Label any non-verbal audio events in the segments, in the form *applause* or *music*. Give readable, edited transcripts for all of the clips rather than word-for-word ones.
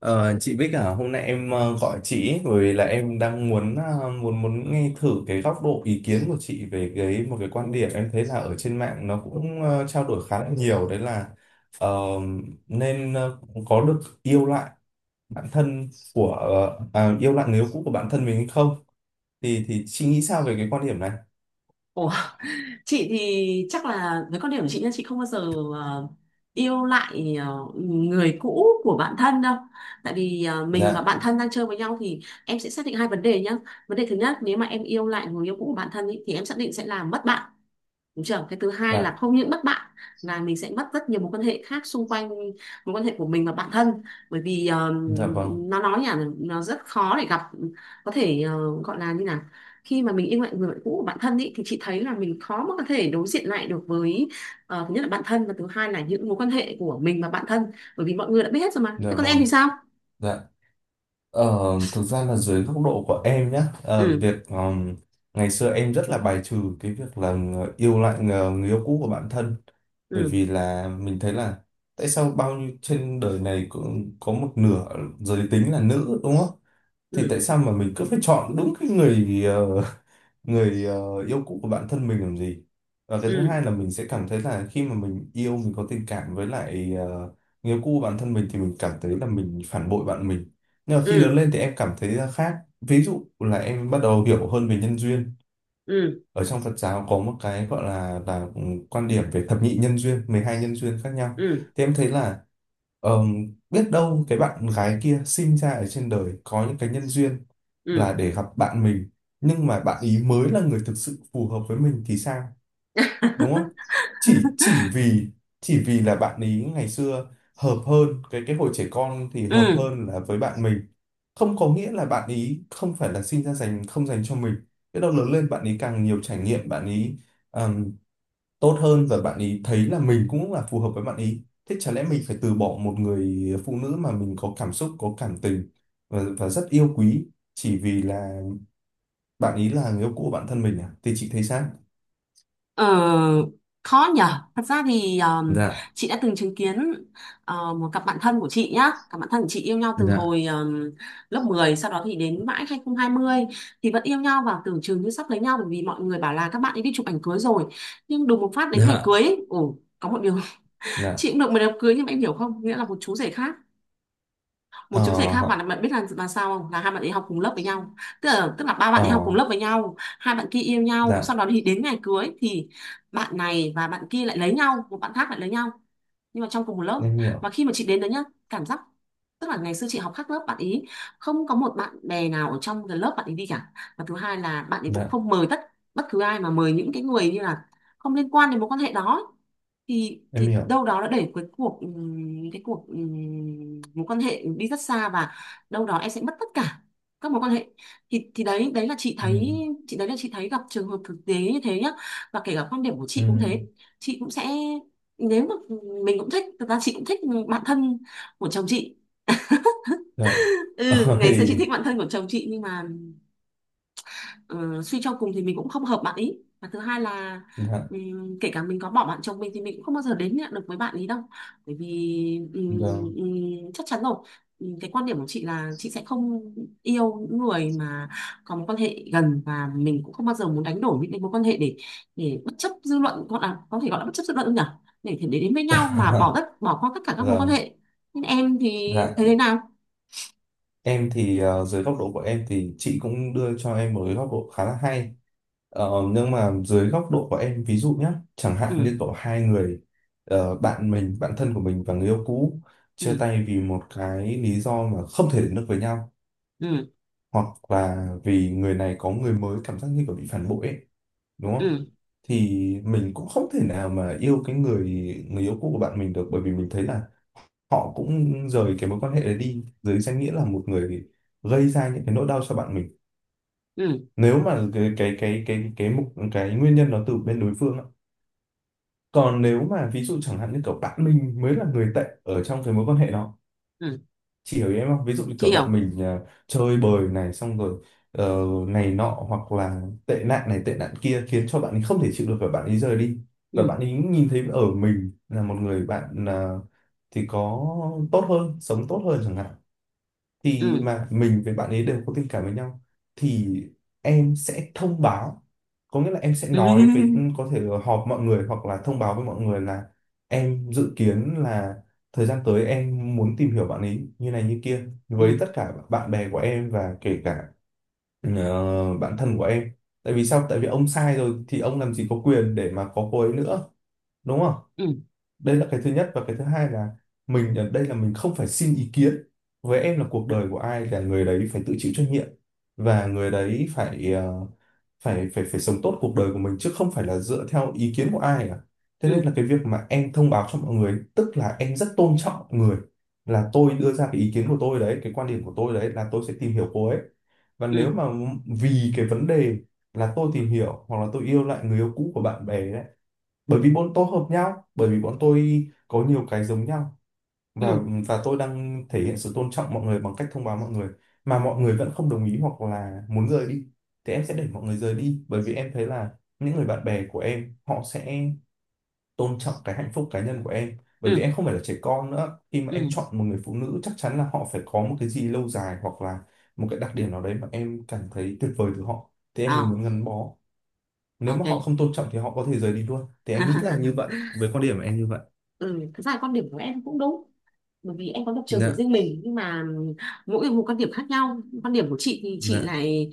Ờ, chị Bích à, hôm nay em gọi chị ấy, bởi vì là em đang muốn muốn muốn nghe thử cái góc độ ý kiến của chị về cái một cái quan điểm em thấy là ở trên mạng nó cũng trao đổi khá là nhiều đấy là ờ, nên có được yêu lại bản thân của yêu lại người yêu cũ của bản thân mình hay không thì chị nghĩ sao về cái quan điểm này? Ủa, chị thì chắc là với quan điểm của chị nha, chị không bao giờ ờ, yêu lại người cũ của bạn thân đâu. Tại vì mình và Dạ, bạn thân đang chơi với nhau thì em sẽ xác định hai vấn đề nhá. Vấn đề thứ nhất, nếu mà em yêu lại người yêu cũ của bạn thân ý, thì em xác định sẽ làm mất bạn. Đúng chưa? Cái thứ hai là dạ, không những mất bạn, là mình sẽ mất rất nhiều mối quan hệ khác xung quanh, mối quan hệ của mình và bản thân. Bởi vì dạ vâng, nó nói nhỉ, nó rất khó để gặp, có thể gọi là như nào. Khi mà mình yêu lại người bạn cũ của bản thân ý, thì chị thấy là mình khó mà có thể đối diện lại được với thứ nhất là bản thân, và thứ hai là những mối quan hệ của mình và bản thân. Bởi vì mọi người đã biết hết rồi mà, dạ thế còn em vâng, thì sao. dạ. Ờ, Thực ra là dưới góc độ của em nhé, Ừ, việc ngày xưa em rất là bài trừ cái việc là yêu lại người yêu cũ của bản thân, bởi ừ, vì là mình thấy là tại sao bao nhiêu trên đời này cũng có một nửa giới tính là nữ, đúng không? Thì ừ, tại sao mà mình cứ phải chọn đúng cái người người yêu cũ của bản thân mình làm gì? Và cái thứ ừ, hai là mình sẽ cảm thấy là khi mà mình yêu, mình có tình cảm với lại người yêu cũ của bản thân mình thì mình cảm thấy là mình phản bội bạn mình. Nhưng mà khi lớn ừ, lên thì em cảm thấy là khác, ví dụ là em bắt đầu hiểu hơn về nhân duyên ừ, ở trong Phật giáo. Có một cái gọi là quan điểm về thập nhị nhân duyên, 12 nhân duyên khác nhau. ừ, Thì em thấy là biết đâu cái bạn gái kia sinh ra ở trên đời có những cái nhân duyên ừ, là ừ, để gặp bạn mình, nhưng mà bạn ý mới là người thực sự phù hợp với mình thì sao? Đúng không? Chỉ vì chỉ vì là bạn ý ngày xưa hợp hơn, cái hồi trẻ con thì hợp ừ. hơn là với bạn mình, không có nghĩa là bạn ý không phải là sinh ra dành, không dành cho mình. Biết đâu lớn lên bạn ý càng nhiều trải nghiệm, bạn ý ừm, tốt hơn và bạn ý thấy là mình cũng là phù hợp với bạn ý, thế chả lẽ mình phải từ bỏ một người phụ nữ mà mình có cảm xúc, có cảm tình và rất yêu quý chỉ vì là bạn ý là người yêu cũ của bản thân mình à? Thì chị thấy sao? Ờ, khó nhở. Thật ra thì Dạ, chị đã từng chứng kiến một cặp bạn thân của chị nhá. Cặp bạn thân của chị yêu nhau từ dạ, hồi lớp 10, sau đó thì đến mãi 2020 thì vẫn yêu nhau, và tưởng chừng như sắp lấy nhau bởi vì mọi người bảo là các bạn ấy đi chụp ảnh cưới rồi. Nhưng đùng một phát đến ngày dạ. cưới ấy, ồ, có một điều, *laughs* Dạ. chị cũng được mời đám cưới, nhưng mà em hiểu không, nghĩa là một chú rể khác, một Ờ. chứng xảy khác. Và bạn biết là sao không, là hai bạn ấy học cùng lớp với nhau. Tức là ba bạn Ờ. ấy học cùng lớp với nhau, hai bạn kia yêu nhau, sau Dạ, đó thì đến ngày cưới thì bạn này và bạn kia lại lấy nhau, một bạn khác lại lấy nhau, nhưng mà trong cùng một lớp. em Mà hiểu. khi mà chị đến đấy nhá, cảm giác, tức là ngày xưa chị học khác lớp bạn ý, không có một bạn bè nào ở trong cái lớp bạn ý đi cả. Và thứ hai là bạn ấy cũng Dạ, không mời tất bất cứ ai, mà mời những cái người như là không liên quan đến mối quan hệ đó ấy. thì em thì hiểu. đâu đó đã để cái cuộc mối quan hệ đi rất xa, và đâu đó em sẽ mất tất cả các mối quan hệ. Thì đấy đấy là chị Ừ, thấy, chị đấy là chị thấy gặp trường hợp thực tế như thế nhá. Và kể cả quan điểm của ừ. chị cũng thế, chị cũng sẽ, nếu mà mình cũng thích, thật ra chị cũng thích bạn thân của chồng chị. Dạ. Ừ, *laughs* ngày xưa chị thích Ôi. bạn thân của chồng chị, nhưng mà, ờ, suy cho cùng thì mình cũng không hợp bạn ý. Và thứ hai là Dạ kể cả mình có bỏ bạn chồng mình thì mình cũng không bao giờ đến nhận được với bạn ý đâu. Bởi vì ừm, vâng. Chắc chắn rồi. Cái quan điểm của chị là chị sẽ không yêu những người mà có mối quan hệ gần, và mình cũng không bao giờ muốn đánh đổi những cái mối quan hệ để bất chấp dư luận, gọi là có thể gọi là bất chấp dư luận không nhỉ, để đến với nhau mà *laughs* bỏ qua tất cả các mối quan Vâng. hệ. Nên em thì Dạ, thấy thế nào? em thì dưới góc độ của em thì chị cũng đưa cho em một cái góc độ khá là hay. Ờ, nhưng mà dưới góc độ của em ví dụ nhé, chẳng Ừ, hạn như có hai người bạn mình, bạn thân của mình và người yêu cũ chia ừ, tay vì một cái lý do mà không thể đến được với nhau, ừ, hoặc là vì người này có người mới, cảm giác như kiểu bị phản bội ấy, đúng không? ừ, Thì mình cũng không thể nào mà yêu cái người người yêu cũ của bạn mình được, bởi vì mình thấy là họ cũng rời cái mối quan hệ đấy đi dưới danh nghĩa là một người gây ra những cái nỗi đau cho bạn mình, ừ, nếu mà cái cái nguyên nhân nó từ bên đối phương á. Còn nếu mà ví dụ chẳng hạn như kiểu bạn mình mới là người tệ ở trong cái mối quan hệ đó, ừ, chị hiểu ý em không? Ví dụ như chị kiểu bạn hiểu. mình chơi bời này xong rồi này nọ, hoặc là tệ nạn này tệ nạn kia khiến cho bạn ấy không thể chịu được và bạn ấy rời đi, và Ừ, bạn ấy nhìn thấy ở mình là một người bạn thì có tốt hơn, sống tốt hơn chẳng hạn, thì ừ. mà mình với bạn ấy đều có tình cảm với nhau, thì em sẽ thông báo, có nghĩa là em sẽ nói với *laughs* có thể là họp mọi người hoặc là thông báo với mọi người là em dự kiến là thời gian tới em muốn tìm hiểu bạn ấy như này như kia Ừ, với ừ, tất cả bạn bè của em và kể cả bạn thân của em. Tại vì sao? Tại vì ông sai rồi thì ông làm gì có quyền để mà có cô ấy nữa, đúng không? ừ, Đây là cái thứ nhất, và cái thứ hai là mình ở đây là mình không phải xin ý kiến. Với em là cuộc đời của ai là người đấy phải tự chịu trách nhiệm, và người đấy phải phải sống tốt cuộc đời của mình chứ không phải là dựa theo ý kiến của ai cả. Thế nên ừ, là cái việc mà em thông báo cho mọi người tức là em rất tôn trọng mọi người, là tôi đưa ra cái ý kiến của tôi đấy, cái quan điểm của tôi đấy là tôi sẽ tìm hiểu cô ấy, và ừ, nếu mà vì cái vấn đề là tôi tìm hiểu, hoặc là tôi yêu lại người yêu cũ của bạn bè ấy, bởi vì bọn tôi hợp nhau, bởi vì bọn tôi có nhiều cái giống nhau, và ừ, và tôi đang thể hiện sự tôn trọng mọi người bằng cách thông báo mọi người, mà mọi người vẫn không đồng ý hoặc là muốn rời đi, thì em sẽ để mọi người rời đi, bởi vì em thấy là những người bạn bè của em họ sẽ tôn trọng cái hạnh phúc cá nhân của em, bởi vì ừ, em không phải là trẻ con nữa, khi mà ừ. em chọn một người phụ nữ chắc chắn là họ phải có một cái gì lâu dài, hoặc là một cái đặc điểm nào đấy mà em cảm thấy tuyệt vời từ họ thì em Ờ, mới muốn gắn bó. Nếu mà họ ok. không tôn trọng thì họ có thể rời đi luôn, thì em nghĩ là như *laughs* vậy, với quan điểm của em như vậy. Ừ, thật ra là quan điểm của em cũng đúng, bởi vì em có lập trường của Dạ, riêng mình, nhưng mà mỗi người một quan điểm khác nhau. Quan điểm của chị thì dạ, chị lại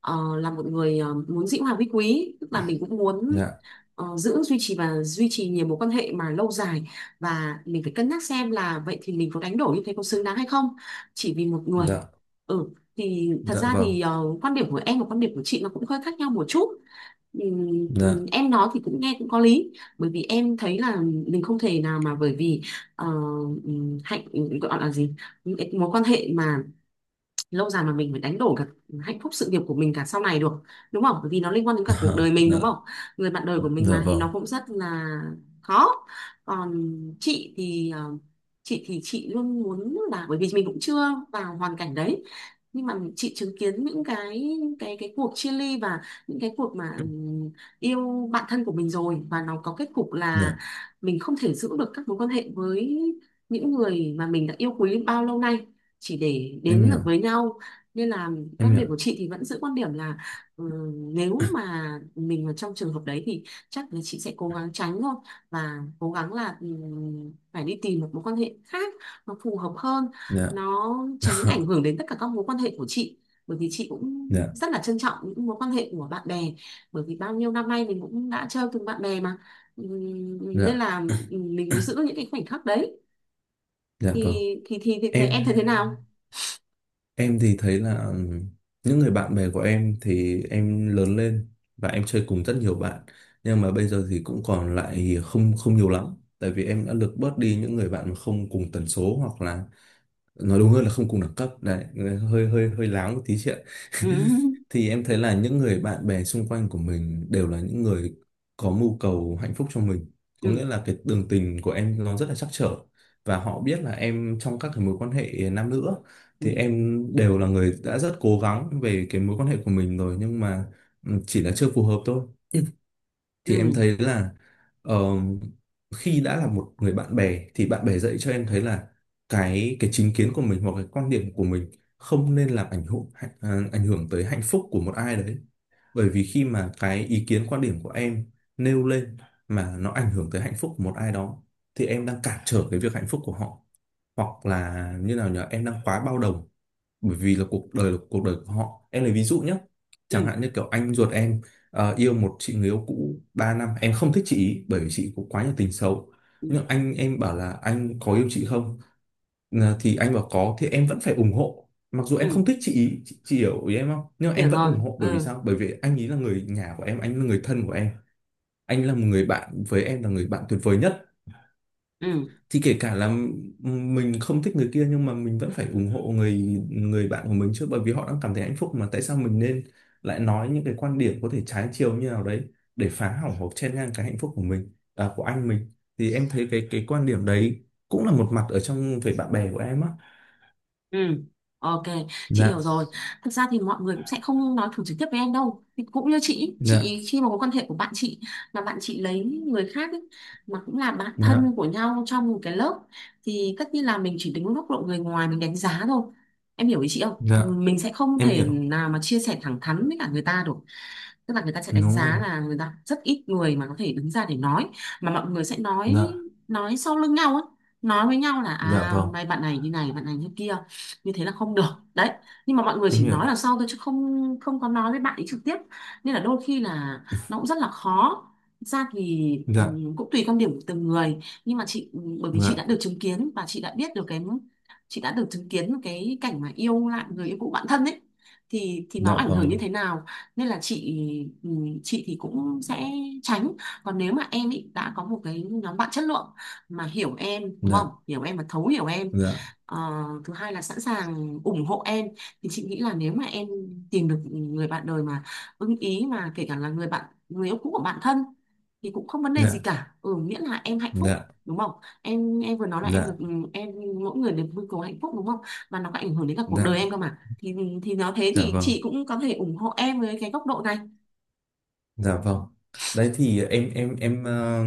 ờ, là một người muốn dĩ hòa vi quý, tức là mình cũng muốn dạ, giữ duy trì và duy trì nhiều mối quan hệ mà lâu dài, và mình phải cân nhắc xem là vậy thì mình có đánh đổi như thế có xứng đáng hay không, chỉ vì một người. dạ, Ừ, thì thật dạ ra vâng, thì quan điểm của em và quan điểm của chị nó cũng hơi khác nhau một chút. Dạ. Em nói thì cũng nghe cũng có lý, bởi vì em thấy là mình không thể nào mà, bởi vì ờ, hạnh gọi là gì, mối quan hệ mà lâu dài mà mình phải đánh đổi cả hạnh phúc sự nghiệp của mình cả sau này được, đúng không, bởi vì nó liên quan đến cả cuộc *laughs* đời mình, Dạ, đúng không, người bạn đời của mình dạ mà, thì vâng, nó cũng rất là khó. Còn chị thì chị thì chị luôn muốn là, bởi vì mình cũng chưa vào hoàn cảnh đấy, nhưng mà chị chứng kiến những cái cái cuộc chia ly, và những cái cuộc mà yêu bạn thân của mình rồi, và nó có kết cục là dạ, mình không thể giữ được các mối quan hệ với những người mà mình đã yêu quý bao lâu nay chỉ để em đến hiểu, được với nhau. Nên là em các hiểu. điểm của chị thì vẫn giữ quan điểm là, ừ, nếu mà mình ở trong trường hợp đấy thì chắc là chị sẽ cố gắng tránh thôi, và cố gắng là, ừ, phải đi tìm một mối quan hệ khác nó phù hợp hơn, Dạ. nó tránh *laughs* ảnh hưởng đến tất cả các mối quan hệ của chị. Bởi vì chị cũng Dạ, rất là trân trọng những mối quan hệ của bạn bè, bởi vì bao nhiêu năm nay mình cũng đã chơi cùng bạn bè mà. Ừ, nên dạ, là, ừ, mình muốn giữ những cái khoảnh khắc đấy. dạ thì vâng. thì thì, thì, thì Em em thấy thế nào? Thì thấy là những người bạn bè của em thì em lớn lên và em chơi cùng rất nhiều bạn, nhưng mà bây giờ thì cũng còn lại không không nhiều lắm, tại vì em đã lược bớt đi những người bạn mà không cùng tần số, hoặc là nói đúng hơn là không cùng đẳng cấp đấy, hơi hơi hơi láo một tí chuyện. *laughs* Ừ. *laughs* Thì em thấy là những người bạn bè xung quanh của mình đều là những người có mưu cầu hạnh phúc cho mình, có nghĩa Ừ, là cái đường tình của em nó rất là trắc trở, và họ biết là em trong các cái mối quan hệ nam nữ á, ừ, thì em đều là người đã rất cố gắng về cái mối quan hệ của mình rồi, nhưng mà ừ, chỉ là chưa phù hợp thôi. Thì em ừ, thấy là ờ, khi đã là một người bạn bè thì bạn bè dạy cho em thấy là cái chính kiến của mình hoặc cái quan điểm của mình không nên làm ảnh hưởng, ảnh ảnh hưởng tới hạnh phúc của một ai đấy. Bởi vì khi mà cái ý kiến quan điểm của em nêu lên mà nó ảnh hưởng tới hạnh phúc của một ai đó, thì em đang cản trở cái việc hạnh phúc của họ, hoặc là như nào nhở, em đang quá bao đồng, bởi vì là cuộc đời của họ. Em lấy ví dụ nhé, chẳng ừ, hạn như kiểu anh ruột em yêu một chị người yêu cũ 3 năm, em không thích chị ý, bởi vì chị có quá nhiều tình xấu. ừ, Nhưng anh em bảo là anh có yêu chị không? Ờ, thì anh bảo có thì em vẫn phải ủng hộ, mặc dù em không ừ, thích chị ý, chị hiểu ý em không? Nhưng mà hiểu em vẫn rồi. ủng hộ, bởi vì Ừ, sao? Bởi vì anh ý là người nhà của em, anh là người thân của em, anh là một người bạn với em, là người bạn tuyệt vời nhất. ừ, Thì kể cả là ừ, mình không thích người kia nhưng mà mình vẫn phải ủng hộ người người bạn của mình chứ, bởi vì họ đang cảm thấy hạnh phúc mà, tại sao mình nên lại nói những cái quan điểm có thể trái chiều như nào đấy để phá hỏng hoặc chen ngang cái hạnh phúc của mình, à, của anh mình. Thì em thấy cái quan điểm đấy cũng là một mặt ở trong về bạn bè của em á. ừ. Ok, chị Dạ, hiểu rồi. Thật ra thì mọi người cũng sẽ không nói thẳng trực tiếp với em đâu. Thì cũng như chị dạ, ý, khi mà có quan hệ của bạn chị, mà bạn chị lấy người khác ý, mà cũng là bạn dạ, thân của nhau trong một cái lớp, thì tất nhiên là mình chỉ đứng góc độ người ngoài mình đánh giá thôi. Em hiểu ý chị không, dạ, mình sẽ không em thể hiểu, nào mà chia sẻ thẳng thắn với cả người ta được. Tức là người ta sẽ đánh đúng rồi, giá là, người ta rất ít người mà có thể đứng ra để nói, mà mọi người sẽ nói dạ, nói sau lưng nhau á, nói với nhau là dạ à vâng, hôm nay bạn này như này, bạn này như kia, như thế là không được. Đấy, nhưng mà mọi người em chỉ nói là hiểu, sau thôi chứ không, có nói với bạn ấy trực tiếp. Nên là đôi khi là nó cũng rất là khó. Thực ra thì dạ, cũng tùy quan điểm của từng người, nhưng mà chị, bởi vì chị dạ, đã được chứng kiến và chị đã biết được cái, chị đã được chứng kiến cái cảnh mà yêu lại người yêu cũ bạn thân ấy, thì nó dạ ảnh hưởng như vâng, thế nào. Nên là chị, ừ, chị thì cũng sẽ tránh. Còn nếu mà em ý đã có một cái nhóm bạn chất lượng mà hiểu em, đúng không, dạ, hiểu em và thấu hiểu em. dạ. Ờ, thứ hai là sẵn sàng ủng hộ em, thì chị nghĩ là nếu mà em tìm được người bạn đời mà ưng ý, mà kể cả là người bạn người yêu cũ của bạn thân, thì cũng không vấn đề gì Dạ, cả. Ừ, miễn là em hạnh phúc, dạ, đúng không. Em vừa nói là em được, dạ, em, mỗi người được mưu cầu hạnh phúc, đúng không, và nó có ảnh hưởng đến cả cuộc đời dạ, em cơ mà, thì nó thế dạ thì vâng, chị cũng có thể ủng hộ em với cái góc độ này. dạ vâng. Đấy thì em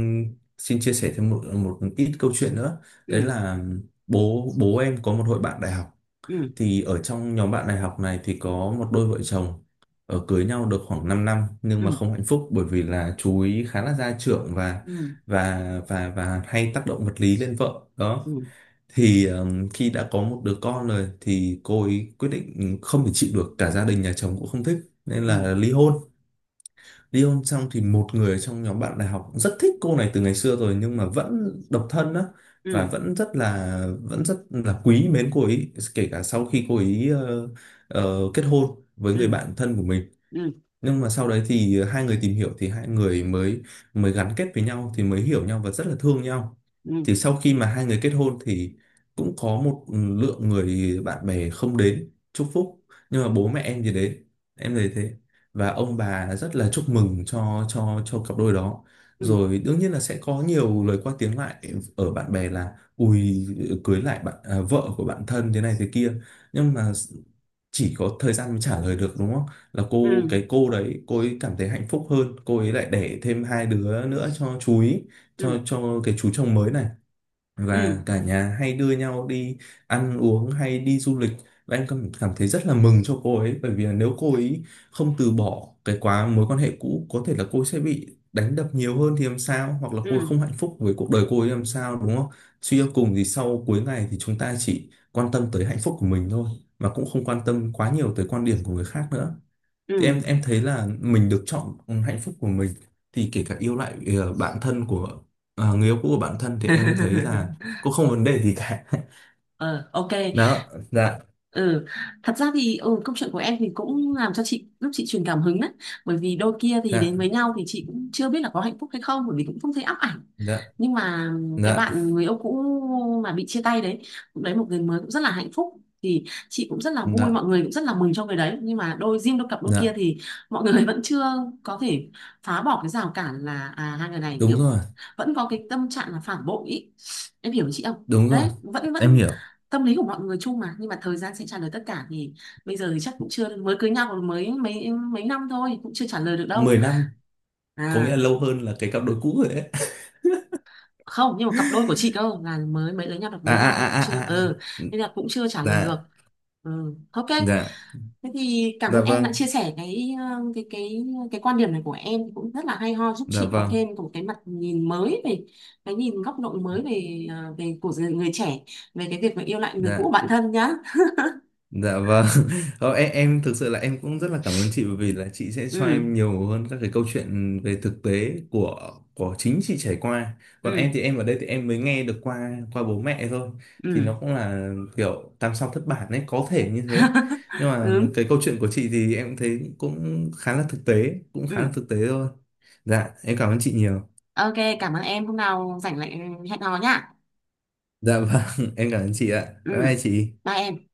xin chia sẻ thêm một một ít câu chuyện nữa. Đấy Ừ, là bố bố em có một hội bạn đại học. ừ, Thì ở trong nhóm bạn đại học này thì có một đôi vợ chồng ở cưới nhau được khoảng 5 năm nhưng ừ, mà không hạnh phúc bởi vì là chú ý khá là gia trưởng ừ, và và hay tác động vật lý lên vợ. ừ, Đó. Thì khi đã có một đứa con rồi thì cô ấy quyết định không thể chịu được, cả gia đình nhà chồng cũng không thích nên ừ, là ly hôn. Ly hôn xong thì một người trong nhóm bạn đại học cũng rất thích cô này từ ngày xưa rồi nhưng mà vẫn độc thân á, ừ, và vẫn rất là quý mến cô ấy kể cả sau khi cô ấy kết hôn với người ừ, bạn thân của mình. ừ, Nhưng mà sau đấy thì hai người tìm hiểu, thì hai người mới mới gắn kết với nhau thì mới hiểu nhau và rất là thương nhau. ừ, Thì sau khi mà hai người kết hôn thì cũng có một lượng người bạn bè không đến chúc phúc, nhưng mà bố mẹ em thì đến, em thấy thế, và ông bà rất là chúc mừng cho cặp đôi đó. ừ, Rồi đương nhiên là sẽ có nhiều lời qua tiếng lại ở bạn bè là ui, cưới lại bạn à, vợ của bạn thân thế này thế kia. Nhưng mà chỉ có thời gian mới trả lời được, đúng không? Là cô ừ, cái cô đấy cô ấy cảm thấy hạnh phúc hơn, cô ấy lại đẻ thêm 2 đứa nữa cho chú ý, ừ, cho cái chú chồng mới này, ừ, và cả nhà hay đưa nhau đi ăn uống hay đi du lịch. Và em cảm cảm thấy rất là mừng cho cô ấy, bởi vì là nếu cô ấy không từ bỏ cái mối quan hệ cũ có thể là cô ấy sẽ bị đánh đập nhiều hơn thì làm sao, hoặc là cô ấy ừ, không hạnh phúc với cuộc đời cô ấy làm sao, đúng không? Suy cho cùng thì sau cuối ngày thì chúng ta chỉ quan tâm tới hạnh phúc của mình thôi, mà cũng không quan tâm quá nhiều tới quan điểm của người khác nữa. Thì em ừ. em thấy là mình được chọn hạnh phúc của mình, thì kể cả yêu lại bạn thân của, à, người yêu cũ của bạn thân, thì em thấy là *laughs* cũng không vấn đề gì cả. *laughs* Ờ, ok. Đó, dạ, Ừ. Thật ra thì ừ, câu chuyện của em thì cũng làm cho chị lúc chị truyền cảm hứng đấy, bởi vì đôi kia thì dạ, đến với nhau thì chị cũng chưa biết là có hạnh phúc hay không, bởi vì cũng không thấy ắp ảnh. dạ, Nhưng mà cái dạ, bạn người yêu cũ mà bị chia tay đấy cũng đấy một người mới cũng rất là hạnh phúc, thì chị cũng rất là dạ, vui, mọi người cũng rất là mừng cho người đấy. Nhưng mà đôi riêng đôi cặp đôi kia dạ, thì mọi người *laughs* vẫn chưa có thể phá bỏ cái rào cản là à hai người này đúng kiểu rồi, vẫn có cái tâm trạng là phản bội ý. Em hiểu chị không? đúng rồi, Đấy, vẫn em vẫn hiểu. tâm lý của mọi người chung mà, nhưng mà thời gian sẽ trả lời tất cả. Thì bây giờ thì chắc cũng chưa, mới cưới nhau còn mới mấy mấy năm thôi cũng chưa trả lời được đâu. 10 năm, có nghĩa là À, lâu hơn là cái cặp đôi cũ rồi đấy. không, nhưng mà cặp đôi của chị cơ là mới mới lấy nhau được *laughs* À mấy à năm thì cũng à chưa, à à à. ừ, nên là cũng chưa trả lời được. Dạ, Ừ, ok. dạ, Thế thì cảm dạ ơn em vâng, đã chia sẻ cái cái quan điểm này của em cũng rất là hay ho, giúp dạ chị có vâng, thêm một cái mặt nhìn mới về cái nhìn góc độ mới về về của người, người trẻ, về cái việc mà yêu lại người cũ của dạ, bản thân nhá. dạ vâng. *laughs* Em, em thực sự là em cũng rất là cảm ơn chị, bởi vì là chị sẽ cho Ừ, em nhiều hơn các cái câu chuyện về thực tế của chính chị trải qua. Còn em ừ, thì em ở đây thì em mới nghe được qua qua bố mẹ thôi. Thì ừ. nó cũng là kiểu tam sao thất bản ấy, có thể như thế. Nhưng *laughs* mà Ừ, cái câu chuyện của chị thì em thấy cũng khá là thực tế, cũng khá là ừ, thực tế thôi. Dạ, em cảm ơn chị nhiều. ok. Cảm ơn em, hôm nào rảnh lại hẹn hò nhá. Dạ vâng, *laughs* em cảm ơn chị ạ. Ừ, Bye bye chị. bye em.